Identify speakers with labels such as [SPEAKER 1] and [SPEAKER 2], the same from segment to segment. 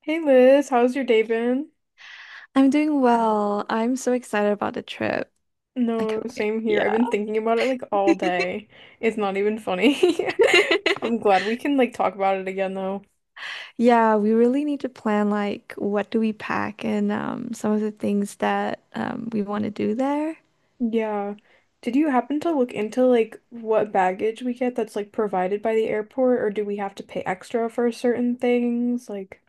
[SPEAKER 1] Hey Liz, how's your day been?
[SPEAKER 2] I'm doing well. I'm so excited about the trip. I
[SPEAKER 1] No,
[SPEAKER 2] can't wait.
[SPEAKER 1] same here. I've
[SPEAKER 2] Yeah.
[SPEAKER 1] been thinking about it like all day. It's not even funny. I'm glad we can like talk about it again though.
[SPEAKER 2] Yeah, we really need to plan like what do we pack and some of the things that we want to do there.
[SPEAKER 1] Yeah. Did you happen to look into like what baggage we get that's like provided by the airport or do we have to pay extra for certain things? Like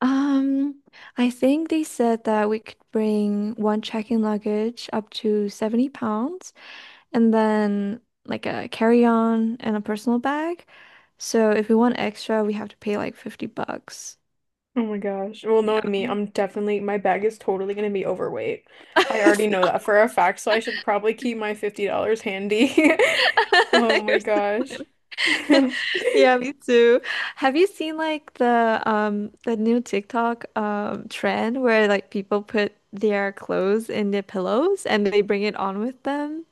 [SPEAKER 2] Um, I think they said that we could bring one check-in luggage up to 70 pounds and then like a carry-on and a personal bag. So if we want extra, we have to pay like 50 bucks.
[SPEAKER 1] oh my gosh. Well,
[SPEAKER 2] Yeah.
[SPEAKER 1] knowing me, I'm definitely, my bag is totally going to be overweight. I already know that for a fact, so I should probably keep my $50 handy. Oh my gosh.
[SPEAKER 2] Yeah, me too. Have you seen like the new TikTok trend where like people put their clothes in their pillows and they bring it on with them?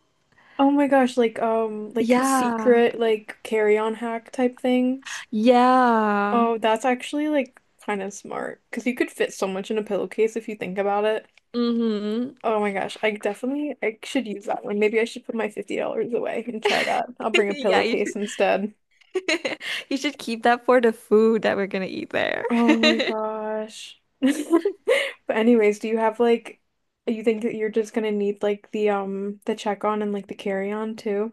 [SPEAKER 1] Oh my gosh, like
[SPEAKER 2] Yeah.
[SPEAKER 1] secret like carry-on hack type things.
[SPEAKER 2] Yeah.
[SPEAKER 1] Oh, that's actually like kind of smart because you could fit so much in a pillowcase if you think about it.
[SPEAKER 2] Mm-hmm.
[SPEAKER 1] Oh my gosh, I definitely I should use that one. Maybe I should put my $50 away and try that. I'll bring a
[SPEAKER 2] Yeah, you
[SPEAKER 1] pillowcase
[SPEAKER 2] should
[SPEAKER 1] instead.
[SPEAKER 2] you should keep that for the food that we're gonna eat there.
[SPEAKER 1] Oh my gosh. But anyways, do you have like you think that you're just gonna need like the check on and like the carry on too?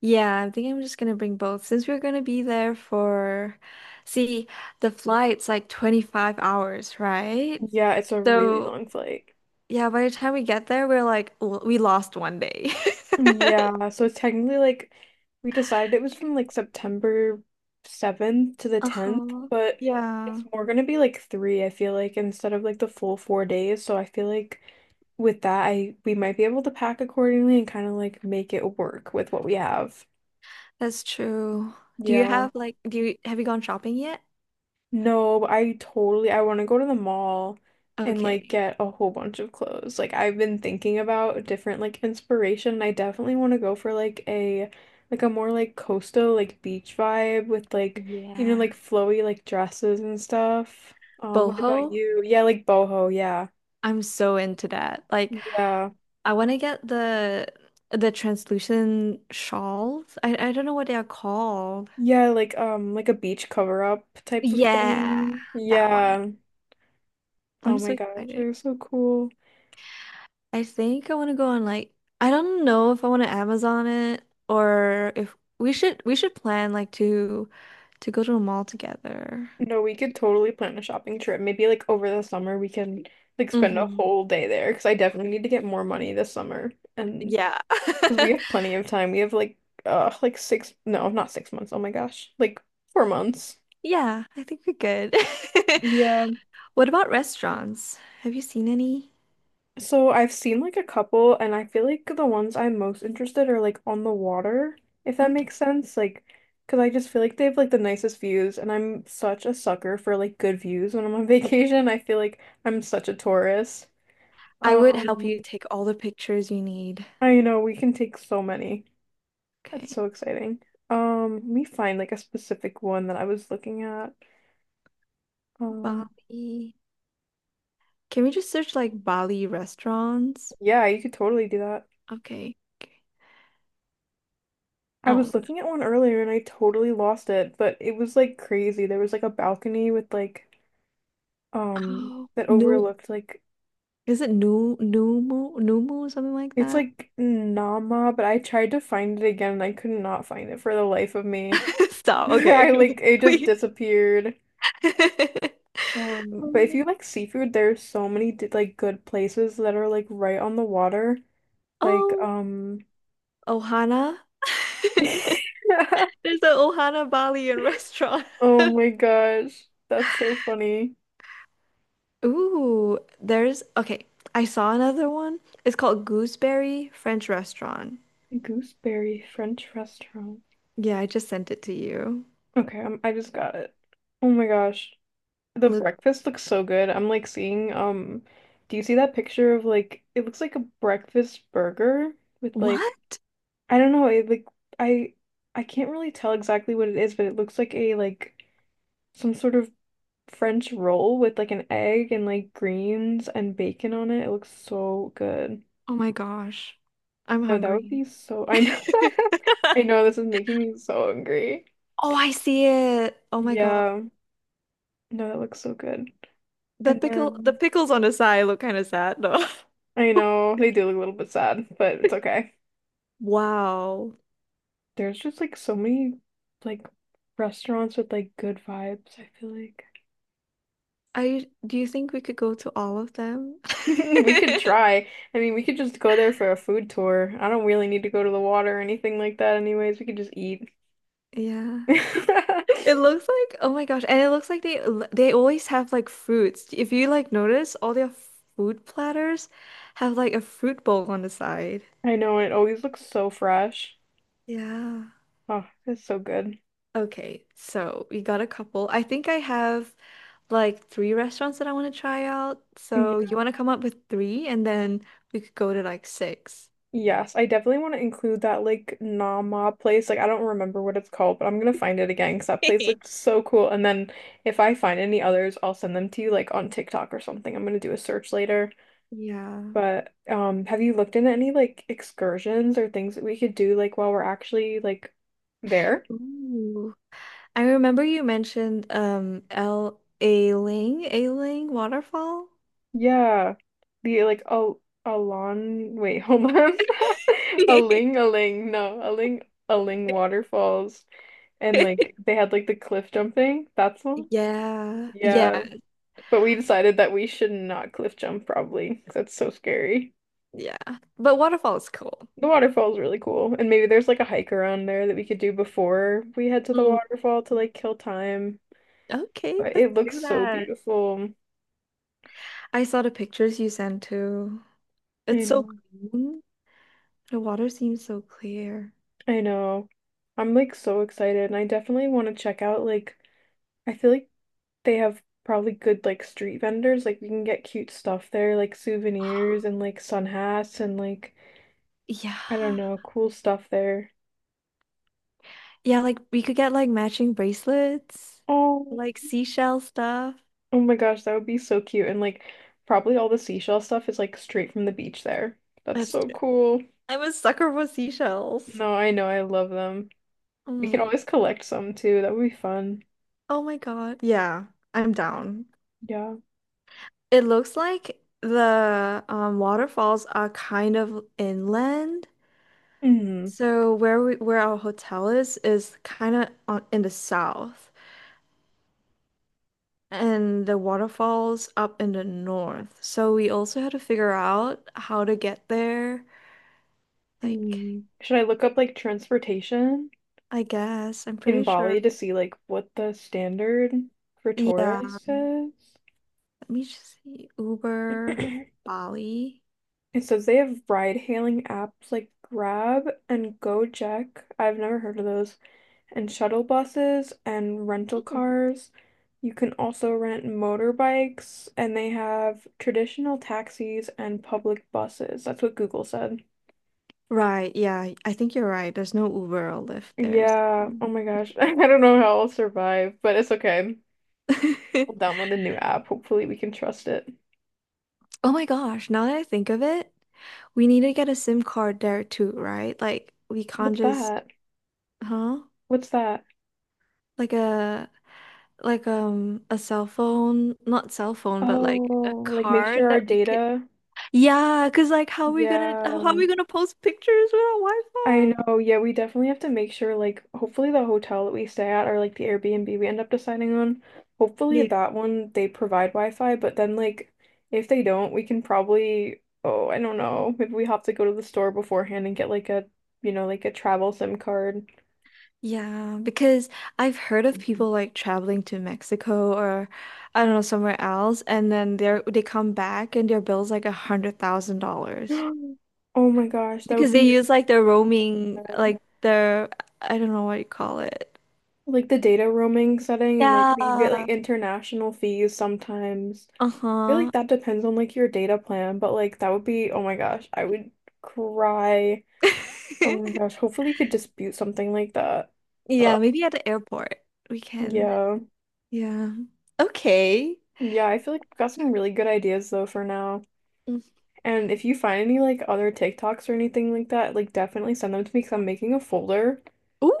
[SPEAKER 2] Yeah, I think I'm just gonna bring both since we're gonna be there for, see, the flight's like 25 hours, right?
[SPEAKER 1] Yeah, it's a really
[SPEAKER 2] So
[SPEAKER 1] long flight.
[SPEAKER 2] yeah, by the time we get there, we're like, "L- we lost one day."
[SPEAKER 1] Yeah, so it's technically like we decided it was from like September 7th to the 10th,
[SPEAKER 2] Uh-huh.
[SPEAKER 1] but
[SPEAKER 2] Yeah,
[SPEAKER 1] it's more gonna be like three, I feel like, instead of like the full 4 days. So I feel like with that I we might be able to pack accordingly and kind of like make it work with what we have.
[SPEAKER 2] that's true. Do you
[SPEAKER 1] Yeah.
[SPEAKER 2] have like, do you have you gone shopping yet?
[SPEAKER 1] No, but I totally I want to go to the mall and like
[SPEAKER 2] Okay.
[SPEAKER 1] get a whole bunch of clothes. Like I've been thinking about different like inspiration, and I definitely want to go for like a more like coastal like beach vibe with like you know
[SPEAKER 2] Yeah.
[SPEAKER 1] like flowy like dresses and stuff. What about
[SPEAKER 2] Boho,
[SPEAKER 1] you? Yeah, like boho, yeah.
[SPEAKER 2] I'm so into that. Like,
[SPEAKER 1] Yeah.
[SPEAKER 2] I want to get the translucent shawls. I don't know what they are called.
[SPEAKER 1] Yeah, like a beach cover up type of
[SPEAKER 2] Yeah,
[SPEAKER 1] thing.
[SPEAKER 2] that one.
[SPEAKER 1] Yeah. Oh
[SPEAKER 2] I'm
[SPEAKER 1] my
[SPEAKER 2] so
[SPEAKER 1] gosh,
[SPEAKER 2] excited.
[SPEAKER 1] they're so cool.
[SPEAKER 2] I think I want to go on like I don't know if I want to Amazon it or if we should plan like to go to a mall together.
[SPEAKER 1] No, we could totally plan a shopping trip. Maybe like over the summer we can like spend a
[SPEAKER 2] Hmm.
[SPEAKER 1] whole day there because I definitely need to get more money this summer. And
[SPEAKER 2] Yeah.
[SPEAKER 1] because we have plenty of time. We have like six no, not 6 months. Oh my gosh. Like 4 months.
[SPEAKER 2] Yeah, I think we're good.
[SPEAKER 1] Yeah.
[SPEAKER 2] What about restaurants? Have you seen any?
[SPEAKER 1] So I've seen like a couple and I feel like the ones I'm most interested are like on the water, if that
[SPEAKER 2] Mm.
[SPEAKER 1] makes sense. Like because I just feel like they have like the nicest views and I'm such a sucker for like good views when I'm on vacation. I feel like I'm such a tourist.
[SPEAKER 2] I would help you
[SPEAKER 1] Um,
[SPEAKER 2] take all the pictures you need.
[SPEAKER 1] I know we can take so many. That's
[SPEAKER 2] Okay.
[SPEAKER 1] so exciting. Let me find like a specific one that I was looking at. Um,
[SPEAKER 2] Bali. Can we just search like Bali restaurants?
[SPEAKER 1] yeah, you could totally do that.
[SPEAKER 2] Okay. Okay.
[SPEAKER 1] I
[SPEAKER 2] Oh,
[SPEAKER 1] was
[SPEAKER 2] no.
[SPEAKER 1] looking at one earlier and I totally lost it, but it was like crazy. There was like a balcony with like
[SPEAKER 2] Oh,
[SPEAKER 1] that
[SPEAKER 2] no.
[SPEAKER 1] overlooked like
[SPEAKER 2] Is it new Numu Numu something like
[SPEAKER 1] it's
[SPEAKER 2] that?
[SPEAKER 1] like Nama, but I tried to find it again and I could not find it for the life of me.
[SPEAKER 2] Stop.
[SPEAKER 1] I
[SPEAKER 2] Okay.
[SPEAKER 1] like it just
[SPEAKER 2] Wait.
[SPEAKER 1] disappeared. But if
[SPEAKER 2] Um,
[SPEAKER 1] you like seafood, there's so many like good places that are like right on the water. Like,
[SPEAKER 2] oh, Ohana. There's an Ohana Balian restaurant.
[SPEAKER 1] oh my gosh, that's so funny.
[SPEAKER 2] Ooh, there's okay. I saw another one. It's called Gooseberry French Restaurant.
[SPEAKER 1] Gooseberry French restaurant.
[SPEAKER 2] Yeah, I just sent it to you.
[SPEAKER 1] Okay, I just got it. Oh my gosh, the
[SPEAKER 2] Look,
[SPEAKER 1] breakfast looks so good. I'm like seeing, do you see that picture of like it looks like a breakfast burger with like
[SPEAKER 2] what?
[SPEAKER 1] I don't know, it like I I can't really tell exactly what it is, but it looks like a like some sort of French roll with like an egg and like greens and bacon on it. It looks so good.
[SPEAKER 2] Oh my gosh. I'm
[SPEAKER 1] No, that would
[SPEAKER 2] hungry.
[SPEAKER 1] be so. I know. I know this is making me so hungry.
[SPEAKER 2] Oh, I see it. Oh my God.
[SPEAKER 1] Yeah. No, that looks so good.
[SPEAKER 2] The
[SPEAKER 1] And
[SPEAKER 2] pickle, the
[SPEAKER 1] then
[SPEAKER 2] pickles on his eye look kind of sad, though.
[SPEAKER 1] I know they do look a little bit sad, but it's okay.
[SPEAKER 2] Wow.
[SPEAKER 1] There's just like so many like restaurants with like good vibes, I feel like.
[SPEAKER 2] I do you think we could go to all of them?
[SPEAKER 1] We could try. I mean, we could just go there for a food tour. I don't really need to go to the water or anything like that anyways. We could just eat.
[SPEAKER 2] Yeah. It looks like oh my gosh, and it looks like they always have like fruits. If you like notice, all their food platters have like a fruit bowl on the side.
[SPEAKER 1] I know it always looks so fresh.
[SPEAKER 2] Yeah.
[SPEAKER 1] Oh, it's so good.
[SPEAKER 2] Okay, so we got a couple. I think I have like 3 restaurants that I want to try out. So
[SPEAKER 1] Yeah.
[SPEAKER 2] you want to come up with three and then we could go to like six.
[SPEAKER 1] Yes, I definitely want to include that like Nama place. Like I don't remember what it's called, but I'm gonna find it again because that place looked so cool. And then if I find any others, I'll send them to you like on TikTok or something. I'm gonna do a search later.
[SPEAKER 2] Yeah.
[SPEAKER 1] But have you looked into any like excursions or things that we could do like while we're actually like there?
[SPEAKER 2] Ooh. I remember you mentioned L A Ling, A Ling waterfall.
[SPEAKER 1] Yeah. The like a Alon wait, hold on. Aling Aling. No, Aling Aling waterfalls. And like they had like the cliff jumping. That's one.
[SPEAKER 2] Yeah. Yeah.
[SPEAKER 1] Yeah. But we decided that we should not cliff jump probably. 'Cause that's so scary.
[SPEAKER 2] Yeah. But waterfall is cool.
[SPEAKER 1] The waterfall's really cool. And maybe there's like a hike around there that we could do before we head to the
[SPEAKER 2] Mm.
[SPEAKER 1] waterfall to like kill time.
[SPEAKER 2] Okay,
[SPEAKER 1] But
[SPEAKER 2] let's
[SPEAKER 1] it looks
[SPEAKER 2] do
[SPEAKER 1] so
[SPEAKER 2] that.
[SPEAKER 1] beautiful.
[SPEAKER 2] I saw the pictures you sent too.
[SPEAKER 1] I
[SPEAKER 2] It's so
[SPEAKER 1] know.
[SPEAKER 2] green. The water seems so clear.
[SPEAKER 1] I know. I'm like so excited and I definitely want to check out like I feel like they have probably good like street vendors. Like we can get cute stuff there, like souvenirs and like sun hats and like
[SPEAKER 2] Yeah.
[SPEAKER 1] I don't know, cool stuff there.
[SPEAKER 2] Yeah, like we could get like matching bracelets,
[SPEAKER 1] Oh,
[SPEAKER 2] like seashell stuff.
[SPEAKER 1] oh my gosh, that would be so cute. And like probably all the seashell stuff is like straight from the beach there. That's
[SPEAKER 2] That's
[SPEAKER 1] so
[SPEAKER 2] true.
[SPEAKER 1] cool.
[SPEAKER 2] I'm a sucker for seashells.
[SPEAKER 1] No, I know, I love them. We can
[SPEAKER 2] Mm.
[SPEAKER 1] always collect some too. That would be fun.
[SPEAKER 2] Oh my God. Yeah, I'm down.
[SPEAKER 1] Yeah.
[SPEAKER 2] It looks like the waterfalls are kind of inland.
[SPEAKER 1] Mm.
[SPEAKER 2] So where our hotel is kind of on in the south and the waterfalls up in the north. So we also had to figure out how to get there. Like
[SPEAKER 1] Mm. Should I look up like transportation
[SPEAKER 2] I guess I'm
[SPEAKER 1] in
[SPEAKER 2] pretty sure.
[SPEAKER 1] Bali to see like what the standard for
[SPEAKER 2] Yeah,
[SPEAKER 1] tourists is?
[SPEAKER 2] let me just see Uber Bali.
[SPEAKER 1] It says they have ride-hailing apps like Grab and Gojek. I've never heard of those. And shuttle buses and rental
[SPEAKER 2] Oh.
[SPEAKER 1] cars. You can also rent motorbikes, and they have traditional taxis and public buses. That's what Google said.
[SPEAKER 2] Right, yeah, I think you're right. There's no Uber or Lyft there,
[SPEAKER 1] Yeah.
[SPEAKER 2] so.
[SPEAKER 1] Oh my gosh. I don't know how I'll survive, but it's okay. I'll download a new app. Hopefully, we can trust it.
[SPEAKER 2] Oh my gosh, now that I think of it, we need to get a SIM card there too, right? Like we can't
[SPEAKER 1] What's
[SPEAKER 2] just,
[SPEAKER 1] that?
[SPEAKER 2] huh?
[SPEAKER 1] What's that?
[SPEAKER 2] Like a like a cell phone, not cell phone, but like a
[SPEAKER 1] Oh, like make
[SPEAKER 2] card
[SPEAKER 1] sure our
[SPEAKER 2] that we could.
[SPEAKER 1] data.
[SPEAKER 2] Yeah, 'cause like how are we gonna
[SPEAKER 1] Yeah.
[SPEAKER 2] how are we gonna post pictures without
[SPEAKER 1] I
[SPEAKER 2] Wi-Fi?
[SPEAKER 1] know, yeah, we definitely have to make sure, like, hopefully the hotel that we stay at or like the Airbnb we end up deciding on, hopefully
[SPEAKER 2] Yeah.
[SPEAKER 1] that one they provide Wi-Fi, but then like if they don't, we can probably, oh, I don't know, maybe we have to go to the store beforehand and get like a, you know, like a travel SIM card.
[SPEAKER 2] Yeah, because I've heard of people like traveling to Mexico or I don't know, somewhere else, and then they come back and their bill's like $100,000.
[SPEAKER 1] Oh my gosh, that would
[SPEAKER 2] Because they
[SPEAKER 1] be
[SPEAKER 2] use like their
[SPEAKER 1] so
[SPEAKER 2] roaming,
[SPEAKER 1] bad.
[SPEAKER 2] like their, I don't know what you call it.
[SPEAKER 1] Like the data roaming setting and like you get
[SPEAKER 2] Yeah.
[SPEAKER 1] like international fees sometimes. Feel
[SPEAKER 2] Uh-huh.
[SPEAKER 1] like that depends on like your data plan, but like that would be, oh my gosh, I would cry. Oh my gosh, hopefully you could dispute something like that.
[SPEAKER 2] Yeah,
[SPEAKER 1] Ugh.
[SPEAKER 2] maybe at the airport we can.
[SPEAKER 1] Yeah.
[SPEAKER 2] Yeah. Okay.
[SPEAKER 1] Yeah, I feel like we've got some really good ideas though for now.
[SPEAKER 2] Mm.
[SPEAKER 1] And if you find any like other TikToks or anything like that, like definitely send them to me because I'm making a folder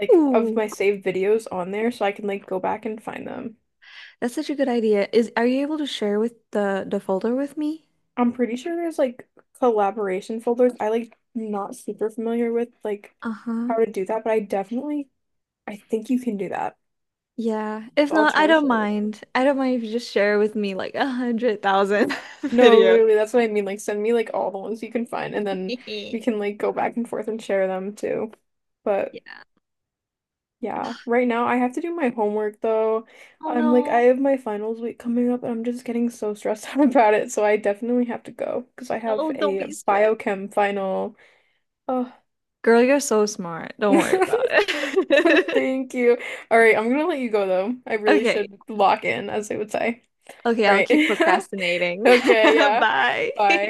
[SPEAKER 1] like of my saved videos on there so I can like go back and find them.
[SPEAKER 2] that's such a good idea. Is are you able to share with the folder with me?
[SPEAKER 1] I'm pretty sure there's like collaboration folders. I Like not super familiar with like how
[SPEAKER 2] Uh-huh.
[SPEAKER 1] to do that, but I definitely I think you can do that.
[SPEAKER 2] Yeah. If
[SPEAKER 1] I'll
[SPEAKER 2] not,
[SPEAKER 1] try
[SPEAKER 2] I
[SPEAKER 1] to
[SPEAKER 2] don't
[SPEAKER 1] share with you.
[SPEAKER 2] mind. I don't mind if you just share with me like 100,000
[SPEAKER 1] No,
[SPEAKER 2] videos.
[SPEAKER 1] literally, that's what I mean. Like, send me like all the ones you can find, and then we can like go back and forth and share them too. But
[SPEAKER 2] Yeah.
[SPEAKER 1] yeah, right now I have to do my homework though.
[SPEAKER 2] Oh
[SPEAKER 1] I'm like, I
[SPEAKER 2] no.
[SPEAKER 1] have my finals week coming up, and I'm just getting so stressed out about it. So I definitely have to go because I have
[SPEAKER 2] Oh, don't be
[SPEAKER 1] a
[SPEAKER 2] stressed.
[SPEAKER 1] biochem final. Oh,
[SPEAKER 2] Girl, you're so smart. Don't worry about it.
[SPEAKER 1] thank you. All right, I'm gonna let you go though. I really
[SPEAKER 2] Okay.
[SPEAKER 1] should lock in, as they would say.
[SPEAKER 2] Okay,
[SPEAKER 1] All
[SPEAKER 2] I'll
[SPEAKER 1] right.
[SPEAKER 2] keep procrastinating.
[SPEAKER 1] Okay, yeah. Bye.
[SPEAKER 2] Bye.